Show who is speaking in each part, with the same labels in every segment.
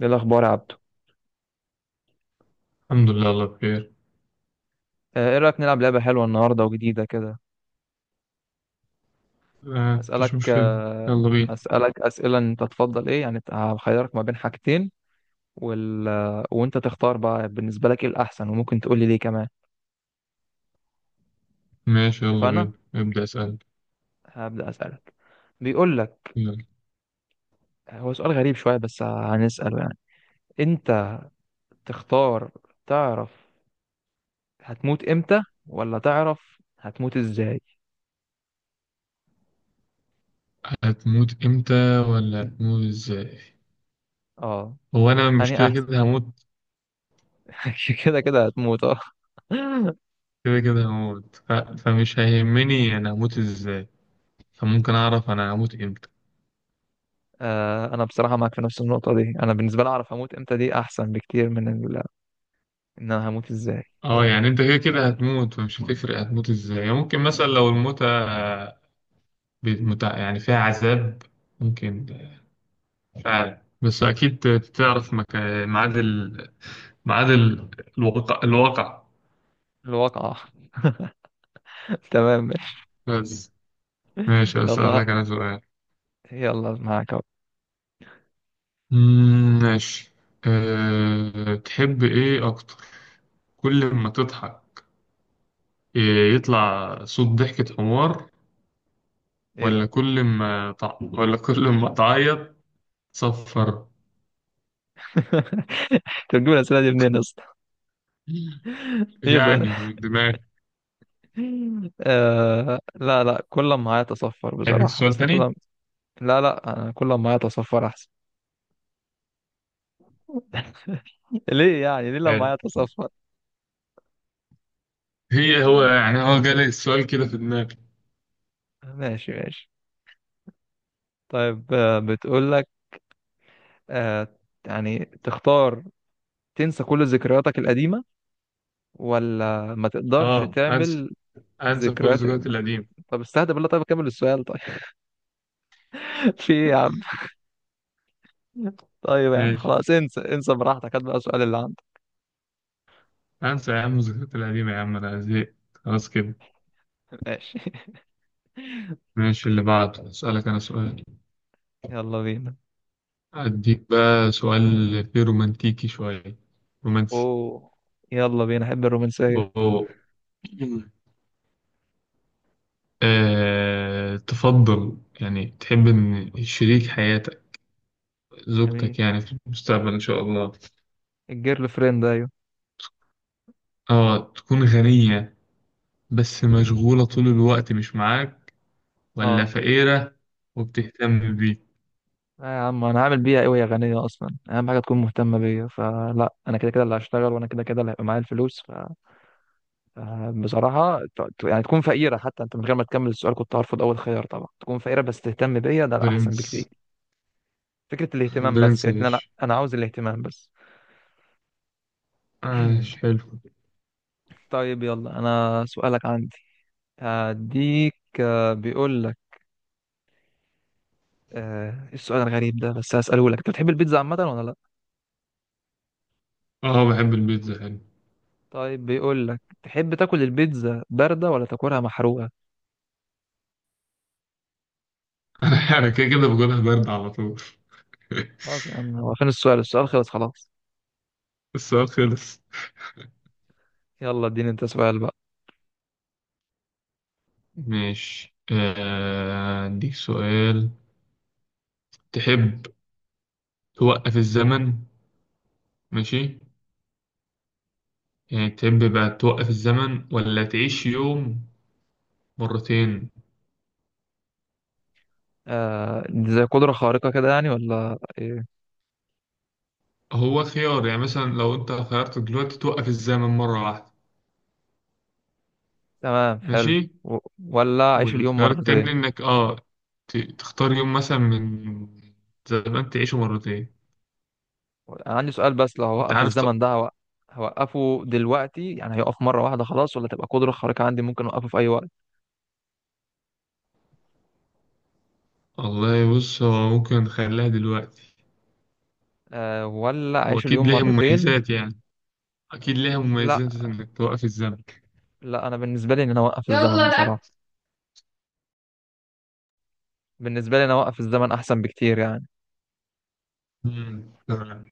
Speaker 1: ايه الاخبار يا عبدو؟
Speaker 2: الحمد لله، الله بخير.
Speaker 1: ايه رايك نلعب لعبه حلوه النهارده وجديده كده؟
Speaker 2: آه، مفيش
Speaker 1: اسالك
Speaker 2: مشكلة.
Speaker 1: آه،
Speaker 2: يلا بينا.
Speaker 1: اسالك اسئله، انت تفضل ايه؟ يعني هخيرك ما بين حاجتين وال... آه، وانت تختار بقى بالنسبه لك ايه الاحسن، وممكن تقول لي ليه كمان.
Speaker 2: ماشي يلا
Speaker 1: اتفقنا.
Speaker 2: بينا، ابدأ اسأل.
Speaker 1: هبدا اسالك. بيقول لك
Speaker 2: يلا.
Speaker 1: هو سؤال غريب شويه بس هنساله يعني. انت تختار تعرف هتموت امتى ولا تعرف هتموت ازاي؟
Speaker 2: هتموت امتى، ولا هتموت ازاي؟
Speaker 1: اه
Speaker 2: هو انا مش
Speaker 1: يعني
Speaker 2: كده
Speaker 1: احسن.
Speaker 2: كده هموت؟
Speaker 1: كده كده هتموت اه.
Speaker 2: كده كده هموت، فمش هيهمني انا هموت ازاي. فممكن اعرف انا هموت امتى.
Speaker 1: انا بصراحه معاك في نفس النقطه دي. انا بالنسبه لي اعرف هموت امتى دي احسن بكتير من ان انا هموت ازاي.
Speaker 2: اه، يعني انت كده كده هتموت، فمش هتفرق هتموت ازاي. ممكن مثلا لو الموتة يعني فيها عذاب. ممكن فعلا. بس اكيد تعرف ميعاد ال... ميعاد ال- الواقع.
Speaker 1: الواقعه. تمام.
Speaker 2: بس، ماشي
Speaker 1: يلا.
Speaker 2: أسألك أنا سؤال.
Speaker 1: يلا معاك اهو.
Speaker 2: مم، ماشي. تحب إيه أكتر؟ كل ما تضحك إيه، يطلع صوت ضحكة حمار،
Speaker 1: ايه ده؟
Speaker 2: ولا كل ما تعيط؟ صفر.
Speaker 1: تجيب الاسئله دي منين اصلا؟ ايه ده؟
Speaker 2: يعني من دماغي.
Speaker 1: آه، لا لا، كل ما معايا اتصفر
Speaker 2: عندك
Speaker 1: بصراحه،
Speaker 2: سؤال
Speaker 1: اصل كل
Speaker 2: تاني؟
Speaker 1: ما... لا لا، انا كل ما معايا اتصفر احسن. ليه يعني؟ ليه لما
Speaker 2: حلو.
Speaker 1: معايا اتصفر؟
Speaker 2: هو يعني هو جالي السؤال كده في دماغي.
Speaker 1: ماشي ماشي. طيب بتقول لك آه يعني تختار تنسى كل ذكرياتك القديمه ولا ما تقدرش
Speaker 2: اه، انسى،
Speaker 1: تعمل
Speaker 2: انسى كل
Speaker 1: ذكريات؟
Speaker 2: الذكريات القديمة.
Speaker 1: طب استهدى بالله، طيب كمل السؤال طيب. في إيه يا عم؟ طيب يعني
Speaker 2: ماشي.
Speaker 1: خلاص، انسى انسى براحتك، هات بقى السؤال اللي عندك.
Speaker 2: انسى يا عم الذكريات القديمة، يا عم انا زهقت خلاص كده.
Speaker 1: ماشي.
Speaker 2: ماشي اللي بعده، اسألك انا سؤال.
Speaker 1: يلا بينا.
Speaker 2: أديك بقى سؤال فيه رومانتيكي شوية، رومانسي.
Speaker 1: اوه، يلا بينا، احب الرومانسية.
Speaker 2: أوه. تفضل، يعني تحب إن شريك حياتك، زوجتك
Speaker 1: جميل.
Speaker 2: يعني في المستقبل إن شاء الله،
Speaker 1: الجيرل فريند، ايوه.
Speaker 2: تكون غنية بس مشغولة طول الوقت مش معاك، ولا
Speaker 1: اه.
Speaker 2: فقيرة وبتهتم بيك؟
Speaker 1: لا يا عم، انا هعمل بيها ايه وهي غنية؟ اصلا اهم حاجة تكون مهتمة بيا، فلا، انا كده كده اللي هشتغل وانا كده كده اللي هيبقى معايا الفلوس. بصراحة يعني تكون فقيرة، حتى أنت من غير ما تكمل السؤال كنت هرفض أول خيار. طبعا تكون فقيرة بس تهتم بيا، ده الأحسن بكتير.
Speaker 2: برنس.
Speaker 1: فكرة الاهتمام بس،
Speaker 2: برنس يا
Speaker 1: يعني أنا
Speaker 2: باشا.
Speaker 1: أنا عاوز الاهتمام بس.
Speaker 2: آه، حلو.
Speaker 1: طيب يلا، أنا سؤالك عندي. هديك بيقول لك إيه السؤال الغريب ده؟ بس هسأله لك. أنت بتحب البيتزا عامة ولا لأ؟
Speaker 2: آه، بحب البيتزا، حلو.
Speaker 1: طيب بيقول لك تحب تاكل البيتزا باردة ولا تاكلها محروقة؟
Speaker 2: أنا كده كده باكلها باردة على طول.
Speaker 1: خلاص يا عم، هو فين السؤال؟ السؤال خلص خلاص.
Speaker 2: السؤال خلص.
Speaker 1: يلا اديني أنت سؤال بقى.
Speaker 2: ماشي أديك سؤال. تحب توقف الزمن؟ ماشي. يعني تحب بقى توقف الزمن، ولا تعيش يوم مرتين؟
Speaker 1: دي زي قدرة خارقة كده يعني ولا إيه؟
Speaker 2: هو خيار، يعني مثلا لو أنت خيرت دلوقتي توقف الزمن مرة واحدة.
Speaker 1: تمام، حلو.
Speaker 2: ماشي.
Speaker 1: و- ولا أعيش اليوم
Speaker 2: والخيار
Speaker 1: مرتين.
Speaker 2: التاني إنك تختار يوم مثلا من زمان تعيشه مرتين.
Speaker 1: انا عندي سؤال، بس لو
Speaker 2: أنت
Speaker 1: هوقف
Speaker 2: عارف ط-
Speaker 1: الزمن ده هوقفه دلوقتي يعني هيقف مرة واحدة خلاص، ولا تبقى قدرة خارقة عندي ممكن أوقفه في أي وقت؟
Speaker 2: والله بص، هو ممكن نخليها دلوقتي.
Speaker 1: أه، ولا أعيش
Speaker 2: وأكيد
Speaker 1: اليوم
Speaker 2: ليها
Speaker 1: مرتين؟
Speaker 2: مميزات يعني. أكيد ليها
Speaker 1: لا
Speaker 2: مميزات إنك توقف الزمن.
Speaker 1: لا، أنا بالنسبة لي إن أنا أوقف الزمن
Speaker 2: يلا
Speaker 1: بصراحة،
Speaker 2: الأكل.
Speaker 1: بالنسبة لي أنا أوقف الزمن أحسن بكتير يعني.
Speaker 2: مم، تمام.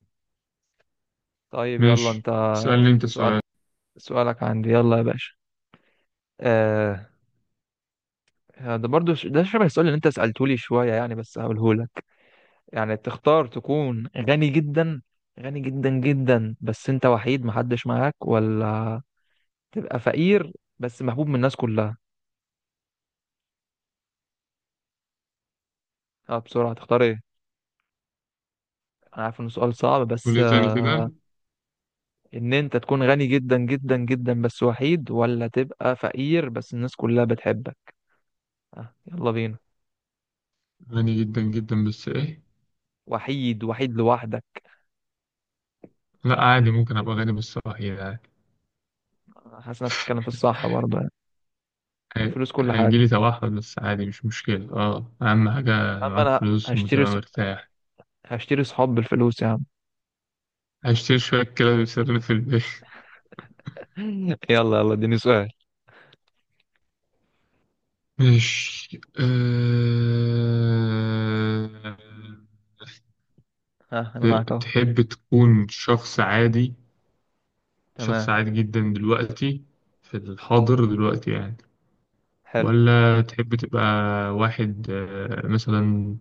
Speaker 1: طيب يلا
Speaker 2: ماشي،
Speaker 1: أنت.
Speaker 2: سألني انت
Speaker 1: سؤال.
Speaker 2: سؤال.
Speaker 1: سؤالك عندي، يلا يا باشا. أه، ده برضو ده شبه السؤال اللي أنت سألته لي شوية يعني، بس هقوله لك. يعني تختار تكون غني جدا، غني جدا جدا بس انت وحيد، محدش معاك، ولا تبقى فقير بس محبوب من الناس كلها؟ اه بسرعة، تختار ايه؟ انا عارف انه سؤال صعب بس
Speaker 2: قولي تاني كده.
Speaker 1: ان انت تكون غني جدا جدا جدا بس وحيد، ولا تبقى فقير بس الناس كلها بتحبك؟ يلا بينا.
Speaker 2: غني جدا جدا بس ايه؟
Speaker 1: وحيد، وحيد لوحدك.
Speaker 2: لا عادي، ممكن ابقى غني بس صحيح، عادي.
Speaker 1: حاسس انك بتتكلم في الصح برضه يعني. الفلوس كل حاجة.
Speaker 2: هيجيلي توحد بس عادي مش مشكلة. اه، اهم
Speaker 1: يا
Speaker 2: حاجة
Speaker 1: عم
Speaker 2: معاك
Speaker 1: انا
Speaker 2: فلوس وتبقى مرتاح.
Speaker 1: هشتري صحاب بالفلوس يا عم.
Speaker 2: هشتري شوية كلاب يسرني في البيت.
Speaker 1: يلا يلا، اديني سؤال.
Speaker 2: ماشي
Speaker 1: ها، انا معاك اهو.
Speaker 2: تحب تكون شخص عادي، شخص
Speaker 1: تمام،
Speaker 2: عادي جدا دلوقتي، في الحاضر دلوقتي يعني،
Speaker 1: حلو.
Speaker 2: ولا تحب تبقى واحد مثلا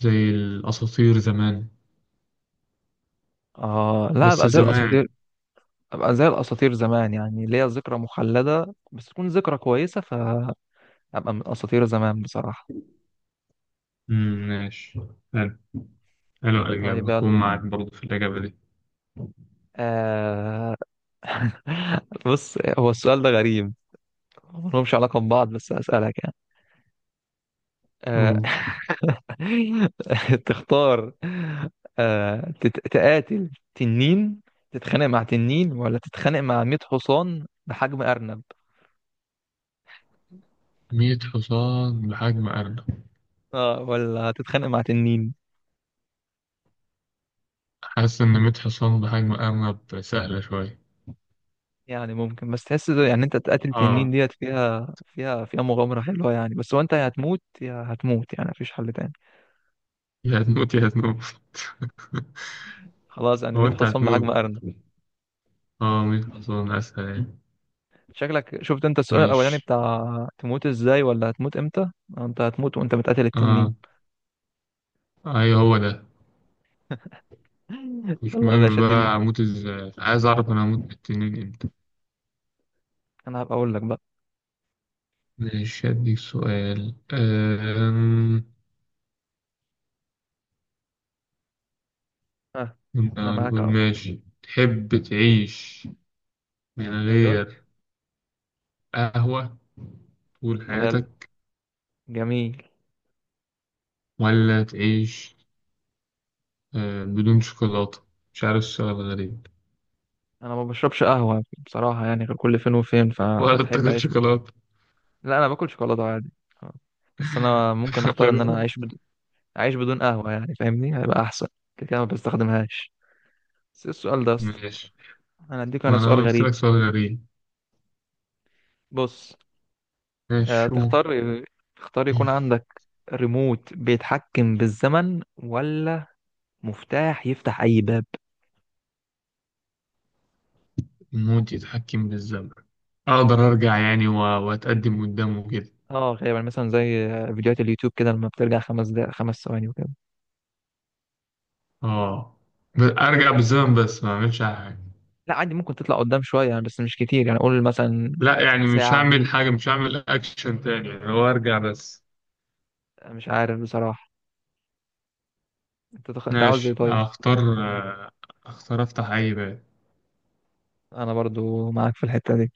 Speaker 2: زي الأساطير زمان،
Speaker 1: آه لا،
Speaker 2: بس
Speaker 1: أبقى زي
Speaker 2: زمان؟
Speaker 1: الأساطير. أبقى زي الأساطير زمان، يعني ليا ذكرى مخلدة بس تكون ذكرى كويسة، فأبقى من أساطير زمان بصراحة.
Speaker 2: مم، ماشي. حلو. حلو الإجابة،
Speaker 1: طيب
Speaker 2: أكون
Speaker 1: يلا.
Speaker 2: معاك برضه في الإجابة دي.
Speaker 1: آه. بص هو السؤال ده غريب، ملهمش علاقة ببعض بس هسألك يعني. آه.
Speaker 2: أوه.
Speaker 1: تختار آه تقاتل تنين، تتخانق مع تنين ولا تتخانق مع 100 حصان بحجم أرنب؟
Speaker 2: 100 حصان بحجم أرنب.
Speaker 1: آه ولا تتخانق مع تنين؟
Speaker 2: حاسس إن 100 حصان بحجم أرنب سهلة شوية.
Speaker 1: يعني ممكن، بس تحس يعني انت تقاتل تنين
Speaker 2: آه.
Speaker 1: ديت فيها مغامرة حلوة يعني، بس هو انت يا هتموت يا هتموت، يعني مفيش حل تاني.
Speaker 2: يا هتموت يا هتموت.
Speaker 1: خلاص يعني
Speaker 2: هو
Speaker 1: 100
Speaker 2: أنت
Speaker 1: حصان بحجم
Speaker 2: هتموت.
Speaker 1: أرنب.
Speaker 2: آه، 100 حصان أسهل يعني.
Speaker 1: شكلك شفت انت السؤال الأولاني
Speaker 2: ماشي.
Speaker 1: بتاع تموت ازاي ولا هتموت امتى. انت هتموت وانت بتقاتل التنين.
Speaker 2: آه أيوه، هو ده. مش
Speaker 1: يلا يا
Speaker 2: مهم
Speaker 1: باشا اديني.
Speaker 2: بقى أموت إزاي، عايز أعرف أنا هموت بالتنين إمتى.
Speaker 1: انا هبقى اقول لك بقى.
Speaker 2: ماشي، هديك سؤال
Speaker 1: ها، انا
Speaker 2: كنا
Speaker 1: معاك
Speaker 2: نقول
Speaker 1: اهو.
Speaker 2: ماشي تحب تعيش من
Speaker 1: ايوه.
Speaker 2: غير قهوة طول
Speaker 1: حلو.
Speaker 2: حياتك،
Speaker 1: جميل.
Speaker 2: ولا تعيش بدون شوكولاتة؟ مش عارف، السؤال غريب.
Speaker 1: انا ما بشربش قهوة بصراحة يعني غير كل فين وفين،
Speaker 2: ولا
Speaker 1: فاحب
Speaker 2: تاكل
Speaker 1: اعيش
Speaker 2: شوكولاتة؟
Speaker 1: لا، انا باكل شوكولاتة عادي. آه. بس انا ممكن اختار ان انا
Speaker 2: ولا-
Speaker 1: اعيش، اعيش بدون قهوه يعني، فاهمني؟ هيبقى احسن، كده كده ما بستخدمهاش. بس إيه السؤال ده يا اسطى؟
Speaker 2: ماشي،
Speaker 1: انا اديك انا
Speaker 2: وأنا
Speaker 1: سؤال
Speaker 2: قلت
Speaker 1: غريب.
Speaker 2: لك سؤال غريب.
Speaker 1: بص.
Speaker 2: ماشي،
Speaker 1: آه
Speaker 2: شوف.
Speaker 1: تختار، تختار يكون عندك ريموت بيتحكم بالزمن، ولا مفتاح يفتح اي باب؟
Speaker 2: الموت يتحكم بالزمن. أقدر أرجع يعني وأتقدم قدامه كده.
Speaker 1: اه غالبا مثلا زي فيديوهات اليوتيوب كده، لما بترجع خمس دقائق، خمس ثواني، وكده.
Speaker 2: آه، أرجع بالزمن بس ما أعملش أي حاجة.
Speaker 1: لا عادي، ممكن تطلع قدام شويه يعني، بس مش كتير يعني، قول مثلا
Speaker 2: لا يعني، مش
Speaker 1: ساعه.
Speaker 2: هعمل حاجة، مش هعمل أكشن تاني يعني، هو أرجع بس.
Speaker 1: مش عارف بصراحه. انت عاوز ايه
Speaker 2: ماشي
Speaker 1: طيب؟
Speaker 2: أختار، أختار أفتح أي باب.
Speaker 1: انا برضو معاك في الحته دي.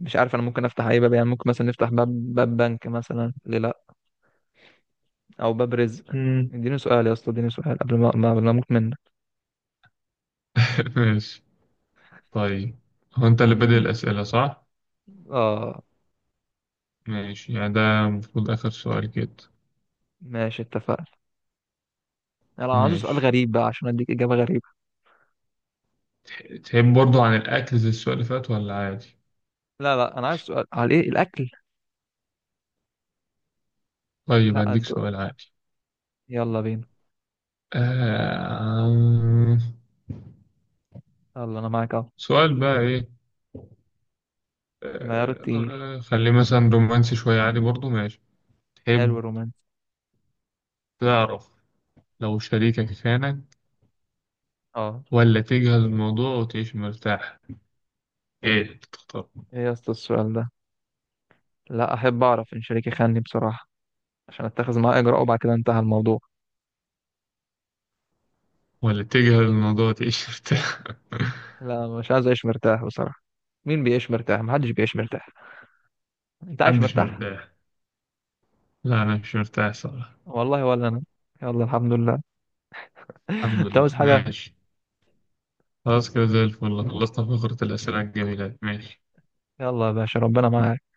Speaker 1: مش عارف، انا ممكن افتح اي باب، يعني ممكن مثلا نفتح باب، باب بنك مثلا، ليه لا؟ او باب رزق.
Speaker 2: امم.
Speaker 1: اديني سؤال يا اسطى، اديني سؤال قبل ما اموت منك.
Speaker 2: ماشي طيب. هو أنت اللي بادئ الأسئلة صح؟
Speaker 1: اه.
Speaker 2: ماشي، يعني ده المفروض آخر سؤال كده.
Speaker 1: ماشي اتفقنا. انا عايز سؤال
Speaker 2: ماشي.
Speaker 1: غريب بقى عشان اديك اجابه غريبه.
Speaker 2: تحب برضو عن الأكل زي السؤال اللي فات ولا عادي؟
Speaker 1: لا لا، انا عايز سؤال على ايه، الاكل.
Speaker 2: طيب،
Speaker 1: لا
Speaker 2: هديك
Speaker 1: انت،
Speaker 2: سؤال عادي.
Speaker 1: يلا بينا.
Speaker 2: آه...
Speaker 1: يلا انا معاك اهو.
Speaker 2: سؤال بقى إيه؟
Speaker 1: العيار التقيل.
Speaker 2: خليه مثلا رومانسي شوية، عادي برضو، ماشي.
Speaker 1: حلو
Speaker 2: تحب
Speaker 1: الرومانسي.
Speaker 2: تعرف لو شريكك خانك،
Speaker 1: اه.
Speaker 2: ولا تجهل الموضوع وتعيش مرتاح؟ ايه تختار؟
Speaker 1: ايه يا اسطى السؤال ده؟ لا، احب اعرف ان شريكي خانني بصراحه عشان اتخذ معاه اجراء وبعد كده انتهى الموضوع.
Speaker 2: ولا تجهل الموضوع وتعيش مرتاح.
Speaker 1: لا مش عايز اعيش مرتاح بصراحه. مين بيعيش مرتاح؟ محدش بيعيش مرتاح. انت عايش
Speaker 2: محدش
Speaker 1: مرتاح؟
Speaker 2: مرتاح. لا، انا مش مرتاح صراحة.
Speaker 1: والله ولا انا. يلا الحمد لله.
Speaker 2: الحمد
Speaker 1: انت عاوز
Speaker 2: لله،
Speaker 1: حاجة؟
Speaker 2: ماشي. خلاص كده زي الفل، خلصنا فقرة الأسئلة الجميلة دي. ماشي.
Speaker 1: يلا يا باشا، ربنا معاك.